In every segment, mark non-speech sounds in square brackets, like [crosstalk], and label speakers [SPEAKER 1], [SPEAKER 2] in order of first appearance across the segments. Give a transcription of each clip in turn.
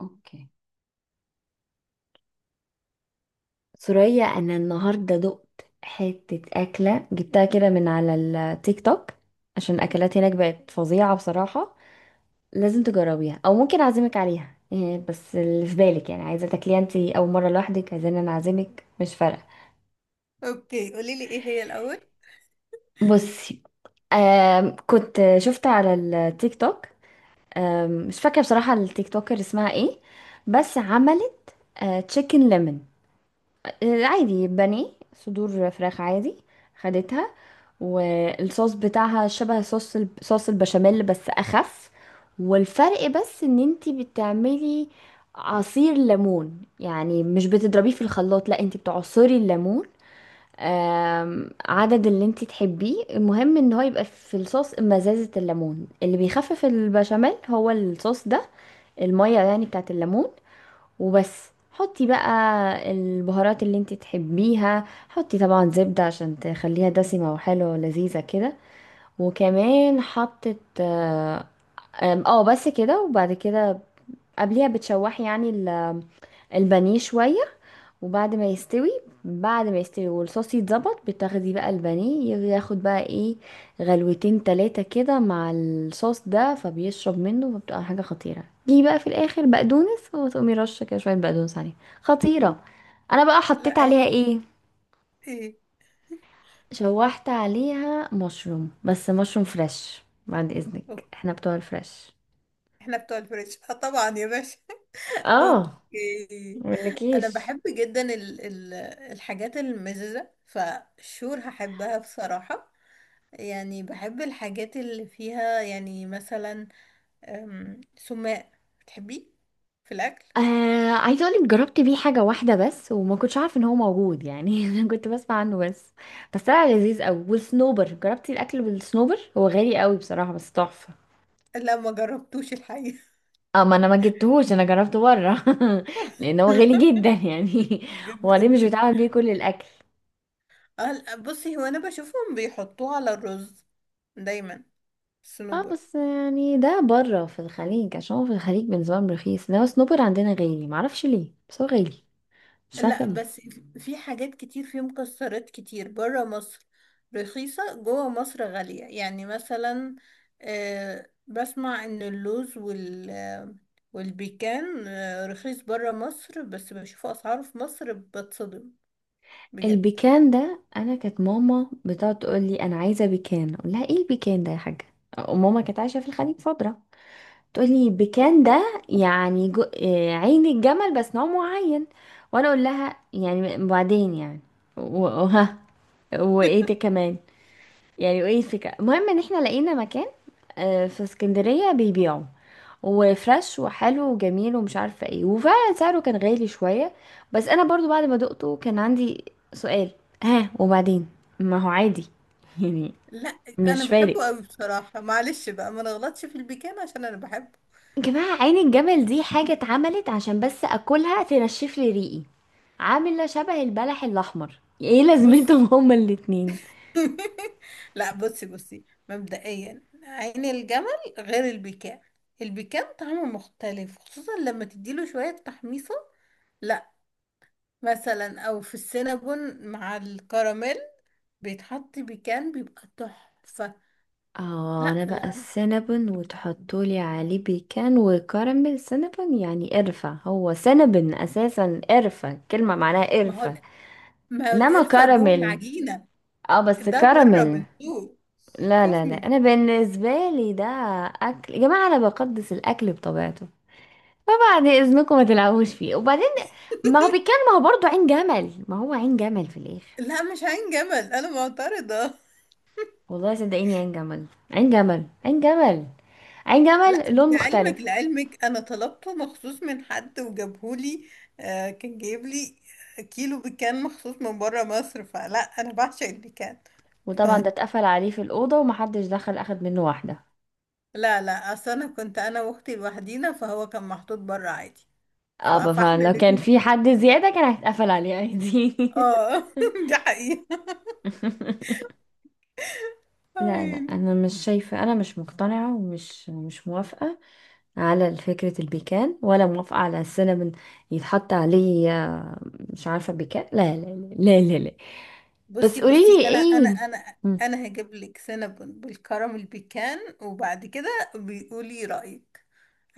[SPEAKER 1] اوكي. سوريا انا النهارده دقت حته اكله، جبتها كده من على التيك توك. عشان الاكلات هناك بقت فظيعه بصراحه. لازم تجربيها، او ممكن اعزمك عليها. إيه بس اللي في بالك؟ يعني عايزه تاكليها انت اول مره لوحدك، عايزين انا اعزمك؟ مش فارقه.
[SPEAKER 2] اوكي، قولي لي ايه هي الاول.
[SPEAKER 1] بصي، كنت شفت على التيك توك. مش فاكره بصراحه التيك توكر اسمها ايه، بس عملت تشيكن ليمون عادي. بانيه صدور فراخ عادي، خدتها، والصوص بتاعها شبه صوص صوص البشاميل بس اخف. والفرق بس ان انتي بتعملي عصير ليمون، يعني مش بتضربيه في الخلاط، لا انتي بتعصري الليمون. عدد اللي انتي تحبيه، المهم ان هو يبقى في الصوص مزازة الليمون اللي بيخفف البشاميل، هو الصوص ده المية يعني بتاعت الليمون. وبس حطي بقى البهارات اللي انتي تحبيها، حطي طبعا زبدة عشان تخليها دسمة وحلوة ولذيذة كده. وكمان حطت اه، آم، آه، بس كده. وبعد كده قبليها بتشوحي يعني البانيه شوية، وبعد ما يستوي، بعد ما يستوي والصوص يتظبط، بتاخدي بقى البانيه، ياخد بقى ايه غلوتين تلاتة كده مع الصوص ده فبيشرب منه، فبتبقى حاجة خطيرة. دي بقى في الآخر بقدونس، وتقومي رشة كده شوية بقدونس عليها. خطيرة. أنا بقى حطيت
[SPEAKER 2] لا ايه؟
[SPEAKER 1] عليها ايه؟
[SPEAKER 2] إيه؟
[SPEAKER 1] شوحت عليها مشروم، بس مشروم فريش، بعد إذنك
[SPEAKER 2] أوكي.
[SPEAKER 1] احنا بتوع الفريش.
[SPEAKER 2] احنا بتوع الفريش اه طبعا يا باشا. [laughs]
[SPEAKER 1] اه،
[SPEAKER 2] اوكي. انا
[SPEAKER 1] مقولكيش،
[SPEAKER 2] بحب جدا ال الحاجات المززه فشور هحبها بصراحه. يعني بحب الحاجات اللي فيها، يعني مثلا سماق، بتحبيه في الاكل؟
[SPEAKER 1] آه عايزه اقولك جربت بيه حاجه واحده بس، وما كنتش عارفه ان هو موجود يعني [laughs] انا كنت بسمع عنه بس. بس طلع لذيذ قوي. والصنوبر جربتي الاكل بالصنوبر؟ هو غالي قوي بصراحه بس تحفه.
[SPEAKER 2] لا ما جربتوش الحقيقه.
[SPEAKER 1] اه، ما انا ما جبتهوش، انا جربته بره [laughs] لان هو غالي جدا يعني [laughs]
[SPEAKER 2] [laughs]
[SPEAKER 1] وبعدين مش
[SPEAKER 2] جدا.
[SPEAKER 1] بيتعمل بيه كل الاكل.
[SPEAKER 2] لا، بصي، هو انا بشوفهم بيحطوه على الرز دايما،
[SPEAKER 1] اه
[SPEAKER 2] الصنوبر.
[SPEAKER 1] بس يعني ده بره في الخليج، عشان هو في الخليج بالنسبه لهم رخيص، انما الصنوبر عندنا غالي، معرفش ليه بس هو غالي. مش عارفه
[SPEAKER 2] لا
[SPEAKER 1] ليه.
[SPEAKER 2] بس في حاجات كتير، في مكسرات كتير بره مصر رخيصة، جوه مصر غالية. يعني مثلا، بسمع ان اللوز وال آه، والبيكان، رخيص بره مصر، بس بشوف اسعاره في مصر بتصدم بجد.
[SPEAKER 1] البيكان ده انا كانت ماما بتقعد تقول لي انا عايزه بيكان، اقول لها ايه البيكان ده يا حاجه. وماما كانت عايشه في الخليج فتره، تقول لي بيكان ده يعني جو... آه، عين الجمل بس نوع معين. وانا اقول لها يعني وبعدين يعني وها وايه ده كمان؟ يعني وايه الفكرة؟ المهم ان احنا لقينا مكان في اسكندرية بيبيعوا، وفريش وحلو وجميل ومش عارفة ايه، وفعلا سعره كان غالي شوية. بس انا برضو بعد ما دقته كان عندي سؤال، ها وبعدين؟ ما هو عادي [laughs] يعني
[SPEAKER 2] لا انا
[SPEAKER 1] مش فارق.
[SPEAKER 2] بحبه قوي بصراحة، معلش بقى ما نغلطش في البيكان عشان انا بحبه.
[SPEAKER 1] يا جماعة عين الجمل دي حاجة اتعملت عشان بس اكلها تنشف لي ريقي، عاملة شبه البلح الاحمر، ايه لازمتهم
[SPEAKER 2] بصي.
[SPEAKER 1] هما الاتنين؟
[SPEAKER 2] [laughs] لا بصي، بصي، مبدئيا عين الجمل غير البكاء، البكاء طعمه مختلف خصوصا لما تديله شوية تحميصة. لا مثلا، او في السينابون مع الكراميل بيتحط بيكان بيبقى تحفة.
[SPEAKER 1] اه
[SPEAKER 2] لا
[SPEAKER 1] انا بقى
[SPEAKER 2] لا.
[SPEAKER 1] السينابون وتحطولي عليه بيكان وكراميل؟ سينابون يعني قرفة، هو سينابون اساسا قرفة، كلمة معناها
[SPEAKER 2] ما هو،
[SPEAKER 1] قرفة.
[SPEAKER 2] ما هو
[SPEAKER 1] انما
[SPEAKER 2] القرفة جوه
[SPEAKER 1] كراميل،
[SPEAKER 2] العجينة،
[SPEAKER 1] اه بس
[SPEAKER 2] ده بره
[SPEAKER 1] كراميل.
[SPEAKER 2] من فوق.
[SPEAKER 1] لا لا
[SPEAKER 2] صوص
[SPEAKER 1] لا،
[SPEAKER 2] من فوق.
[SPEAKER 1] انا بالنسبة لي ده اكل. يا جماعة انا بقدس الاكل بطبيعته، فبعد اذنكم ما تلعبوش فيه. وبعدين ما هو بيكان، ما هو برضه عين جمل، ما هو عين جمل في الاخر.
[SPEAKER 2] لا مش عين جمل، انا معترضة. [laughs]
[SPEAKER 1] والله صدقيني عين جمل، عين جمل عين جمل. عين
[SPEAKER 2] لا،
[SPEAKER 1] جمل لون مختلف.
[SPEAKER 2] لعلمك، لعلمك انا طلبته مخصوص من حد وجابهولي. آه كان جايب لي كيلو بيكان مخصوص من بره مصر، فلا انا بعشق البيكان.
[SPEAKER 1] وطبعا ده
[SPEAKER 2] [laughs]
[SPEAKER 1] اتقفل عليه في الأوضة ومحدش دخل أخد منه واحدة.
[SPEAKER 2] لا لا، اصل انا كنت انا واختي لوحدينا، فهو كان محطوط بره عادي. ف-
[SPEAKER 1] اه،
[SPEAKER 2] فاحنا
[SPEAKER 1] فلو كان
[SPEAKER 2] الاتنين.
[SPEAKER 1] في حد زيادة كان هيتقفل عليه عادي
[SPEAKER 2] اه. [laughs] دي حقيقة.
[SPEAKER 1] [laughs] لا لا،
[SPEAKER 2] عيني.
[SPEAKER 1] انا مش شايفه، انا مش مقتنعه ومش مش موافقه على فكره البيكان، ولا موافقه على السينابون يتحط عليه مش عارفه بيكان. لا لا لا لا لا، لا. بس
[SPEAKER 2] بصي
[SPEAKER 1] قولي
[SPEAKER 2] بصي،
[SPEAKER 1] لي
[SPEAKER 2] انا انا
[SPEAKER 1] ايه؟
[SPEAKER 2] انا انا هجيب لك سينابون بالكراميل بيكان، وبعد كده بيقولي رأيك.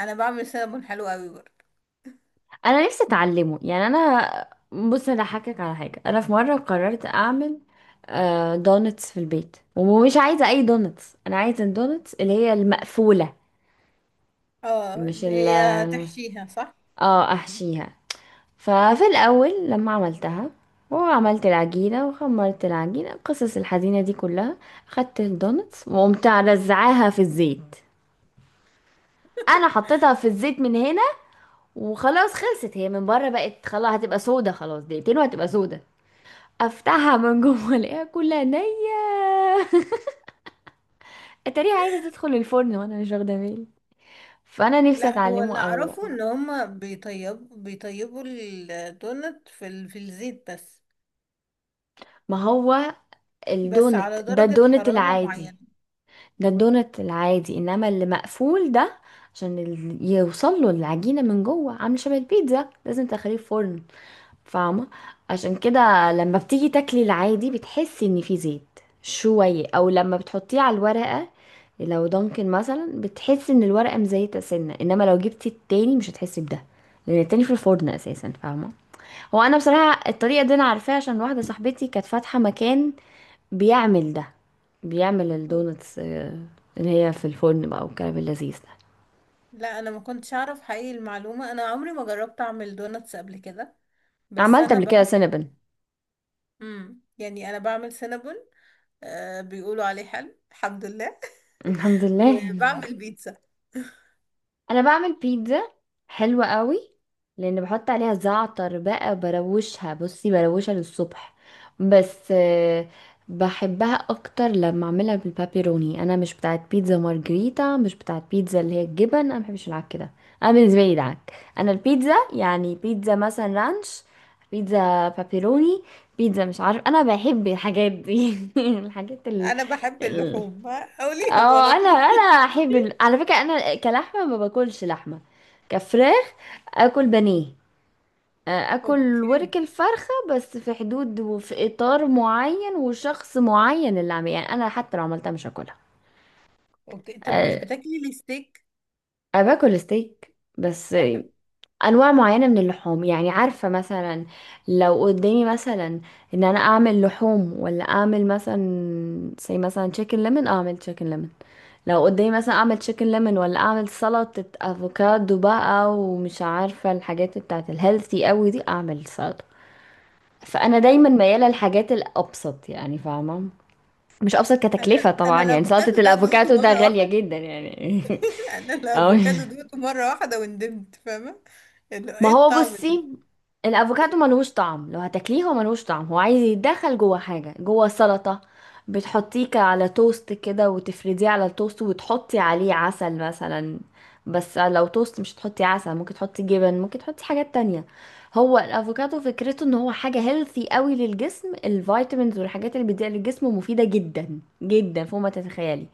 [SPEAKER 2] انا بعمل سينابون حلو قوي برضه.
[SPEAKER 1] انا نفسي اتعلمه. يعني انا بص، انا هحكك على حاجه. انا في مره قررت اعمل دونتس في البيت، ومش عايزه اي دونتس، انا عايزه الدونتس اللي هي المقفوله،
[SPEAKER 2] اه
[SPEAKER 1] مش
[SPEAKER 2] اللي
[SPEAKER 1] ال،
[SPEAKER 2] هي تحشيها، صح.
[SPEAKER 1] اه احشيها. ففي الاول لما عملتها وعملت العجينه وخمرت العجينه القصص الحزينه دي كلها، خدت الدونتس وقمت رزعاها في الزيت. انا حطيتها في الزيت من هنا وخلاص، خلصت هي من بره بقت خلاص، هتبقى سودة خلاص، دقيقتين وهتبقى سودة. افتحها من جوه الاقيها كلها نية [laughs] اتاريها عايزة تدخل الفرن وانا مش واخدة بالي. فانا نفسي
[SPEAKER 2] لا هو
[SPEAKER 1] اتعلمه
[SPEAKER 2] اللي
[SPEAKER 1] قوي بقى.
[SPEAKER 2] اعرفه ان هما بيطيبوا الدونت في الزيت بس،
[SPEAKER 1] ما هو
[SPEAKER 2] بس
[SPEAKER 1] الدونت
[SPEAKER 2] على
[SPEAKER 1] ده
[SPEAKER 2] درجة
[SPEAKER 1] الدونت
[SPEAKER 2] حرارة
[SPEAKER 1] العادي،
[SPEAKER 2] معينة.
[SPEAKER 1] ده الدونت العادي، انما اللي مقفول ده عشان يوصل له العجينة من جوه، عامل شبه البيتزا، لازم تخليه في فرن، فاهمة؟ عشان كده لما بتيجي تاكلي العادي بتحسي ان في زيت شوية، او لما بتحطيه على الورقة لو دانكن مثلا بتحسي ان الورقة مزيتة سنة، انما لو جبتي التاني مش هتحسي بده، لان التاني في الفرن اساسا، فاهمة؟ هو انا بصراحة الطريقة دي انا عارفاها عشان واحدة صاحبتي كانت فاتحة مكان بيعمل ده، بيعمل الدونتس اللي هي في الفرن بقى والكلام اللذيذ ده.
[SPEAKER 2] لا انا ما كنتش اعرف حقيقي المعلومة، انا عمري ما جربت اعمل دونتس قبل كده. بس
[SPEAKER 1] عملت
[SPEAKER 2] انا
[SPEAKER 1] قبل كده
[SPEAKER 2] بعمل،
[SPEAKER 1] سينابن
[SPEAKER 2] يعني انا بعمل سينابون، آه بيقولوا عليه حلو الحمد لله.
[SPEAKER 1] [laughs] الحمد
[SPEAKER 2] [laughs]
[SPEAKER 1] لله.
[SPEAKER 2] وبعمل بيتزا.
[SPEAKER 1] انا بعمل بيتزا حلوة قوي لان بحط عليها زعتر بقى، بروشها بصي بروشها للصبح، بس بحبها اكتر لما اعملها بالبابيروني. انا مش بتاعت بيتزا مارجريتا، مش بتاعت بيتزا اللي هي الجبن، انا مبحبش العك ده، انا بالنسبه لي دعك. انا البيتزا يعني بيتزا مثلا رانش، بيتزا بابيروني، بيتزا مش عارف، انا بحب الحاجات دي [laughs]
[SPEAKER 2] انا بحب اللحوم، قوليها
[SPEAKER 1] اه
[SPEAKER 2] على
[SPEAKER 1] انا
[SPEAKER 2] طول. [laughs]
[SPEAKER 1] انا احب على فكره انا كلحمه ما باكلش لحمه، كفراخ اكل بانيه، اكل
[SPEAKER 2] اوكي.
[SPEAKER 1] ورك الفرخه بس في حدود وفي اطار معين وشخص معين اللي عامل، يعني انا حتى لو عملتها مش هاكلها.
[SPEAKER 2] اوكي طب مش
[SPEAKER 1] آه،
[SPEAKER 2] بتاكلي الستيك؟
[SPEAKER 1] انا باكل ستيك بس انواع معينه من اللحوم. يعني عارفه مثلا لو قدامي مثلا ان انا اعمل لحوم ولا اعمل مثلا زي مثلا تشيكن ليمون، اعمل تشيكن ليمون. لو قدامي مثلا اعمل تشيكن ليمون ولا اعمل سلطة افوكادو بقى ومش عارفة الحاجات بتاعت الهيلثي قوي دي، اعمل سلطة. فانا دايما
[SPEAKER 2] أفوكادو.
[SPEAKER 1] ميالة للحاجات الابسط، يعني فاهمة؟ مش ابسط
[SPEAKER 2] انا،
[SPEAKER 1] كتكلفة
[SPEAKER 2] انا
[SPEAKER 1] طبعا، يعني سلطة
[SPEAKER 2] الافوكادو ده دوقته
[SPEAKER 1] الافوكادو ده
[SPEAKER 2] مره
[SPEAKER 1] غالية
[SPEAKER 2] واحده.
[SPEAKER 1] جدا يعني [laughs]
[SPEAKER 2] [laughs] انا
[SPEAKER 1] اه
[SPEAKER 2] الافوكادو دوقته مره واحده وندمت، فاهمه؟ اللي هو
[SPEAKER 1] ما
[SPEAKER 2] ايه
[SPEAKER 1] هو
[SPEAKER 2] الطعم ده؟
[SPEAKER 1] بصي، الافوكادو ملهوش طعم. لو هتاكليه هو ملهوش طعم، هو عايز يتدخل جوه حاجه، جوه سلطه، بتحطيه على توست كده وتفرديه على التوست وتحطي عليه عسل مثلا. بس لو توست مش تحطي عسل، ممكن تحطي جبن، ممكن تحطي حاجات تانية. هو الافوكادو فكرته ان هو حاجه هيلثي قوي للجسم، الفيتامينز والحاجات اللي بتديها للجسم مفيده جدا جدا فوق ما تتخيلي،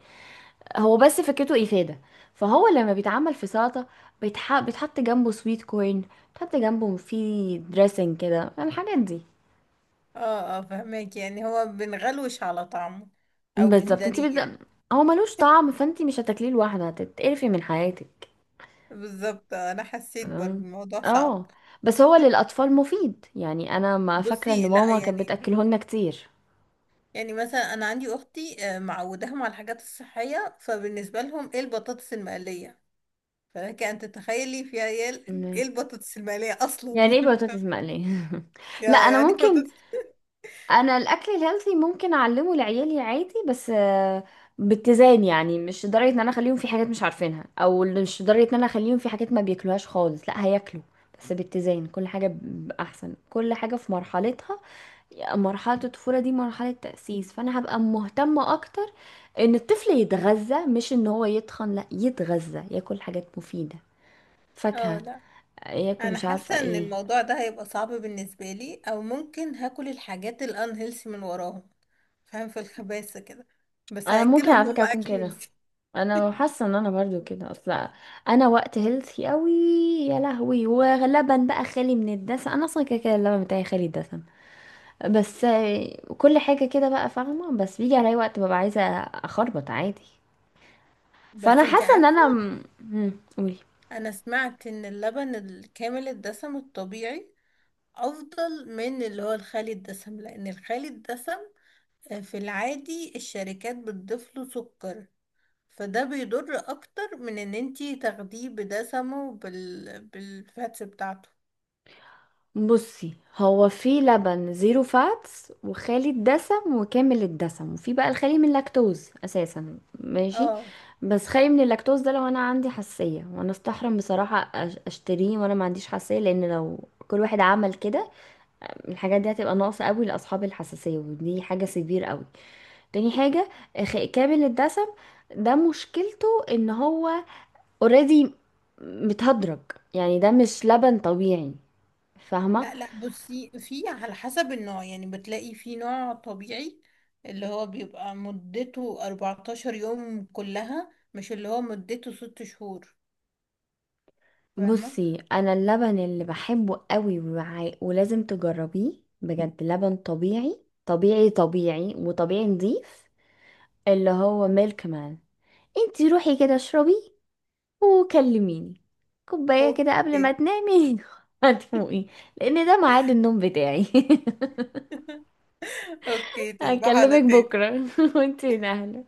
[SPEAKER 1] هو بس فكرته إفادة. فهو لما بيتعمل في سلطة بيتحط جنبه سويت كورن، بيتحط جنبه في دريسنج كده، يعني الحاجات دي.
[SPEAKER 2] اه اه فهماك، يعني هو بنغلوش على طعمه او
[SPEAKER 1] بالظبط انت
[SPEAKER 2] بنداريه يعني.
[SPEAKER 1] هو ملوش طعم، فانت مش هتاكليه لوحده هتتقرفي من حياتك.
[SPEAKER 2] بالظبط. انا حسيت برضه
[SPEAKER 1] تمام؟
[SPEAKER 2] الموضوع صعب.
[SPEAKER 1] اه بس هو
[SPEAKER 2] [laughs]
[SPEAKER 1] للأطفال مفيد، يعني أنا ما فاكرة إن
[SPEAKER 2] بصي لا،
[SPEAKER 1] ماما كانت
[SPEAKER 2] يعني
[SPEAKER 1] بتأكله لنا كتير.
[SPEAKER 2] يعني مثلا، انا عندي اختي، معوداهم على الحاجات الصحيه، فبالنسبه لهم ايه البطاطس المقليه؟ فلك ان تتخيلي فيها ايه إيه
[SPEAKER 1] مم.
[SPEAKER 2] البطاطس المقليه اصلا. [laughs]
[SPEAKER 1] يعني
[SPEAKER 2] يعني
[SPEAKER 1] ايه بطاطس مقلية [laughs] لا
[SPEAKER 2] يا
[SPEAKER 1] أنا
[SPEAKER 2] يعني
[SPEAKER 1] ممكن،
[SPEAKER 2] بطاطس.
[SPEAKER 1] انا الاكل الهيلثي ممكن اعلمه لعيالي عادي، بس باتزان، يعني مش لدرجه ان انا اخليهم في حاجات مش عارفينها، او مش لدرجه ان انا اخليهم في حاجات ما بياكلوهاش خالص، لا هياكلوا بس باتزان. كل حاجه احسن كل حاجه في مرحلتها. مرحله الطفوله دي مرحله تاسيس، فانا هبقى مهتمه اكتر ان الطفل يتغذى، مش ان هو يتخن، لا يتغذى، ياكل حاجات مفيده،
[SPEAKER 2] اه
[SPEAKER 1] فاكهه،
[SPEAKER 2] لا،
[SPEAKER 1] ياكل
[SPEAKER 2] انا
[SPEAKER 1] مش عارفه
[SPEAKER 2] حاسه ان
[SPEAKER 1] ايه.
[SPEAKER 2] الموضوع ده هيبقى صعب بالنسبه لي، او ممكن هاكل الحاجات الان هيلثي من وراهم، فاهم؟ في الخباثه كده. بس
[SPEAKER 1] انا ممكن
[SPEAKER 2] هاكلهم
[SPEAKER 1] على فكره
[SPEAKER 2] هم
[SPEAKER 1] اكون
[SPEAKER 2] اكل
[SPEAKER 1] كده،
[SPEAKER 2] هيلثي.
[SPEAKER 1] انا حاسه ان انا برضو كده اصلا. انا وقت هيلثي قوي يا لهوي، ولبن بقى خالي من الدسم، انا اصلا كده كده اللبن بتاعي خالي الدسم، بس كل حاجه كده بقى فاهمه، بس بيجي عليا وقت ببقى عايزه اخربط عادي. فانا
[SPEAKER 2] بس انتي
[SPEAKER 1] حاسه ان
[SPEAKER 2] عارفه،
[SPEAKER 1] انا قولي.
[SPEAKER 2] انا سمعت ان اللبن الكامل الدسم الطبيعي افضل من اللي هو الخالي الدسم، لان الخالي الدسم، في العادي الشركات بتضيف له سكر، فده بيضر اكتر من ان انتي تاخديه بدسمه بالفاتس بتاعته.
[SPEAKER 1] بصي هو في لبن زيرو فاتس، وخالي الدسم، وكامل الدسم، وفي بقى الخالي من اللاكتوز اساسا، ماشي؟
[SPEAKER 2] اه
[SPEAKER 1] بس خالي من اللاكتوز ده لو انا عندي حساسيه، وانا استحرم بصراحه اشتريه وانا ما عنديش حساسيه، لان لو كل واحد عمل كده الحاجات دي هتبقى ناقصه قوي لاصحاب الحساسيه، ودي حاجه سيفير قوي. تاني حاجه، كامل الدسم ده مشكلته ان هو اوريدي متهدرج، يعني ده مش لبن طبيعي، فاهمه؟
[SPEAKER 2] لا لا، بصي في على حسب النوع، يعني بتلاقي في نوع طبيعي اللي هو بيبقى مدته 14 يوم كلها، مش اللي هو مدته 6 شهور. فاهمة.
[SPEAKER 1] بصي انا اللبن اللي بحبه قوي ولازم تجربيه، بجد لبن طبيعي، طبيعي طبيعي وطبيعي نظيف، اللي هو ميلك مان. انتي روحي كده اشربي وكلميني، كوباية كده قبل ما
[SPEAKER 2] اوكي.
[SPEAKER 1] تنامي [laughs] هتفوقي. لان ده ميعاد النوم بتاعي [laughs]
[SPEAKER 2] اوكي تصبح
[SPEAKER 1] هكلمك
[SPEAKER 2] على خير.
[SPEAKER 1] بكرة [laughs] وانتي نهلة.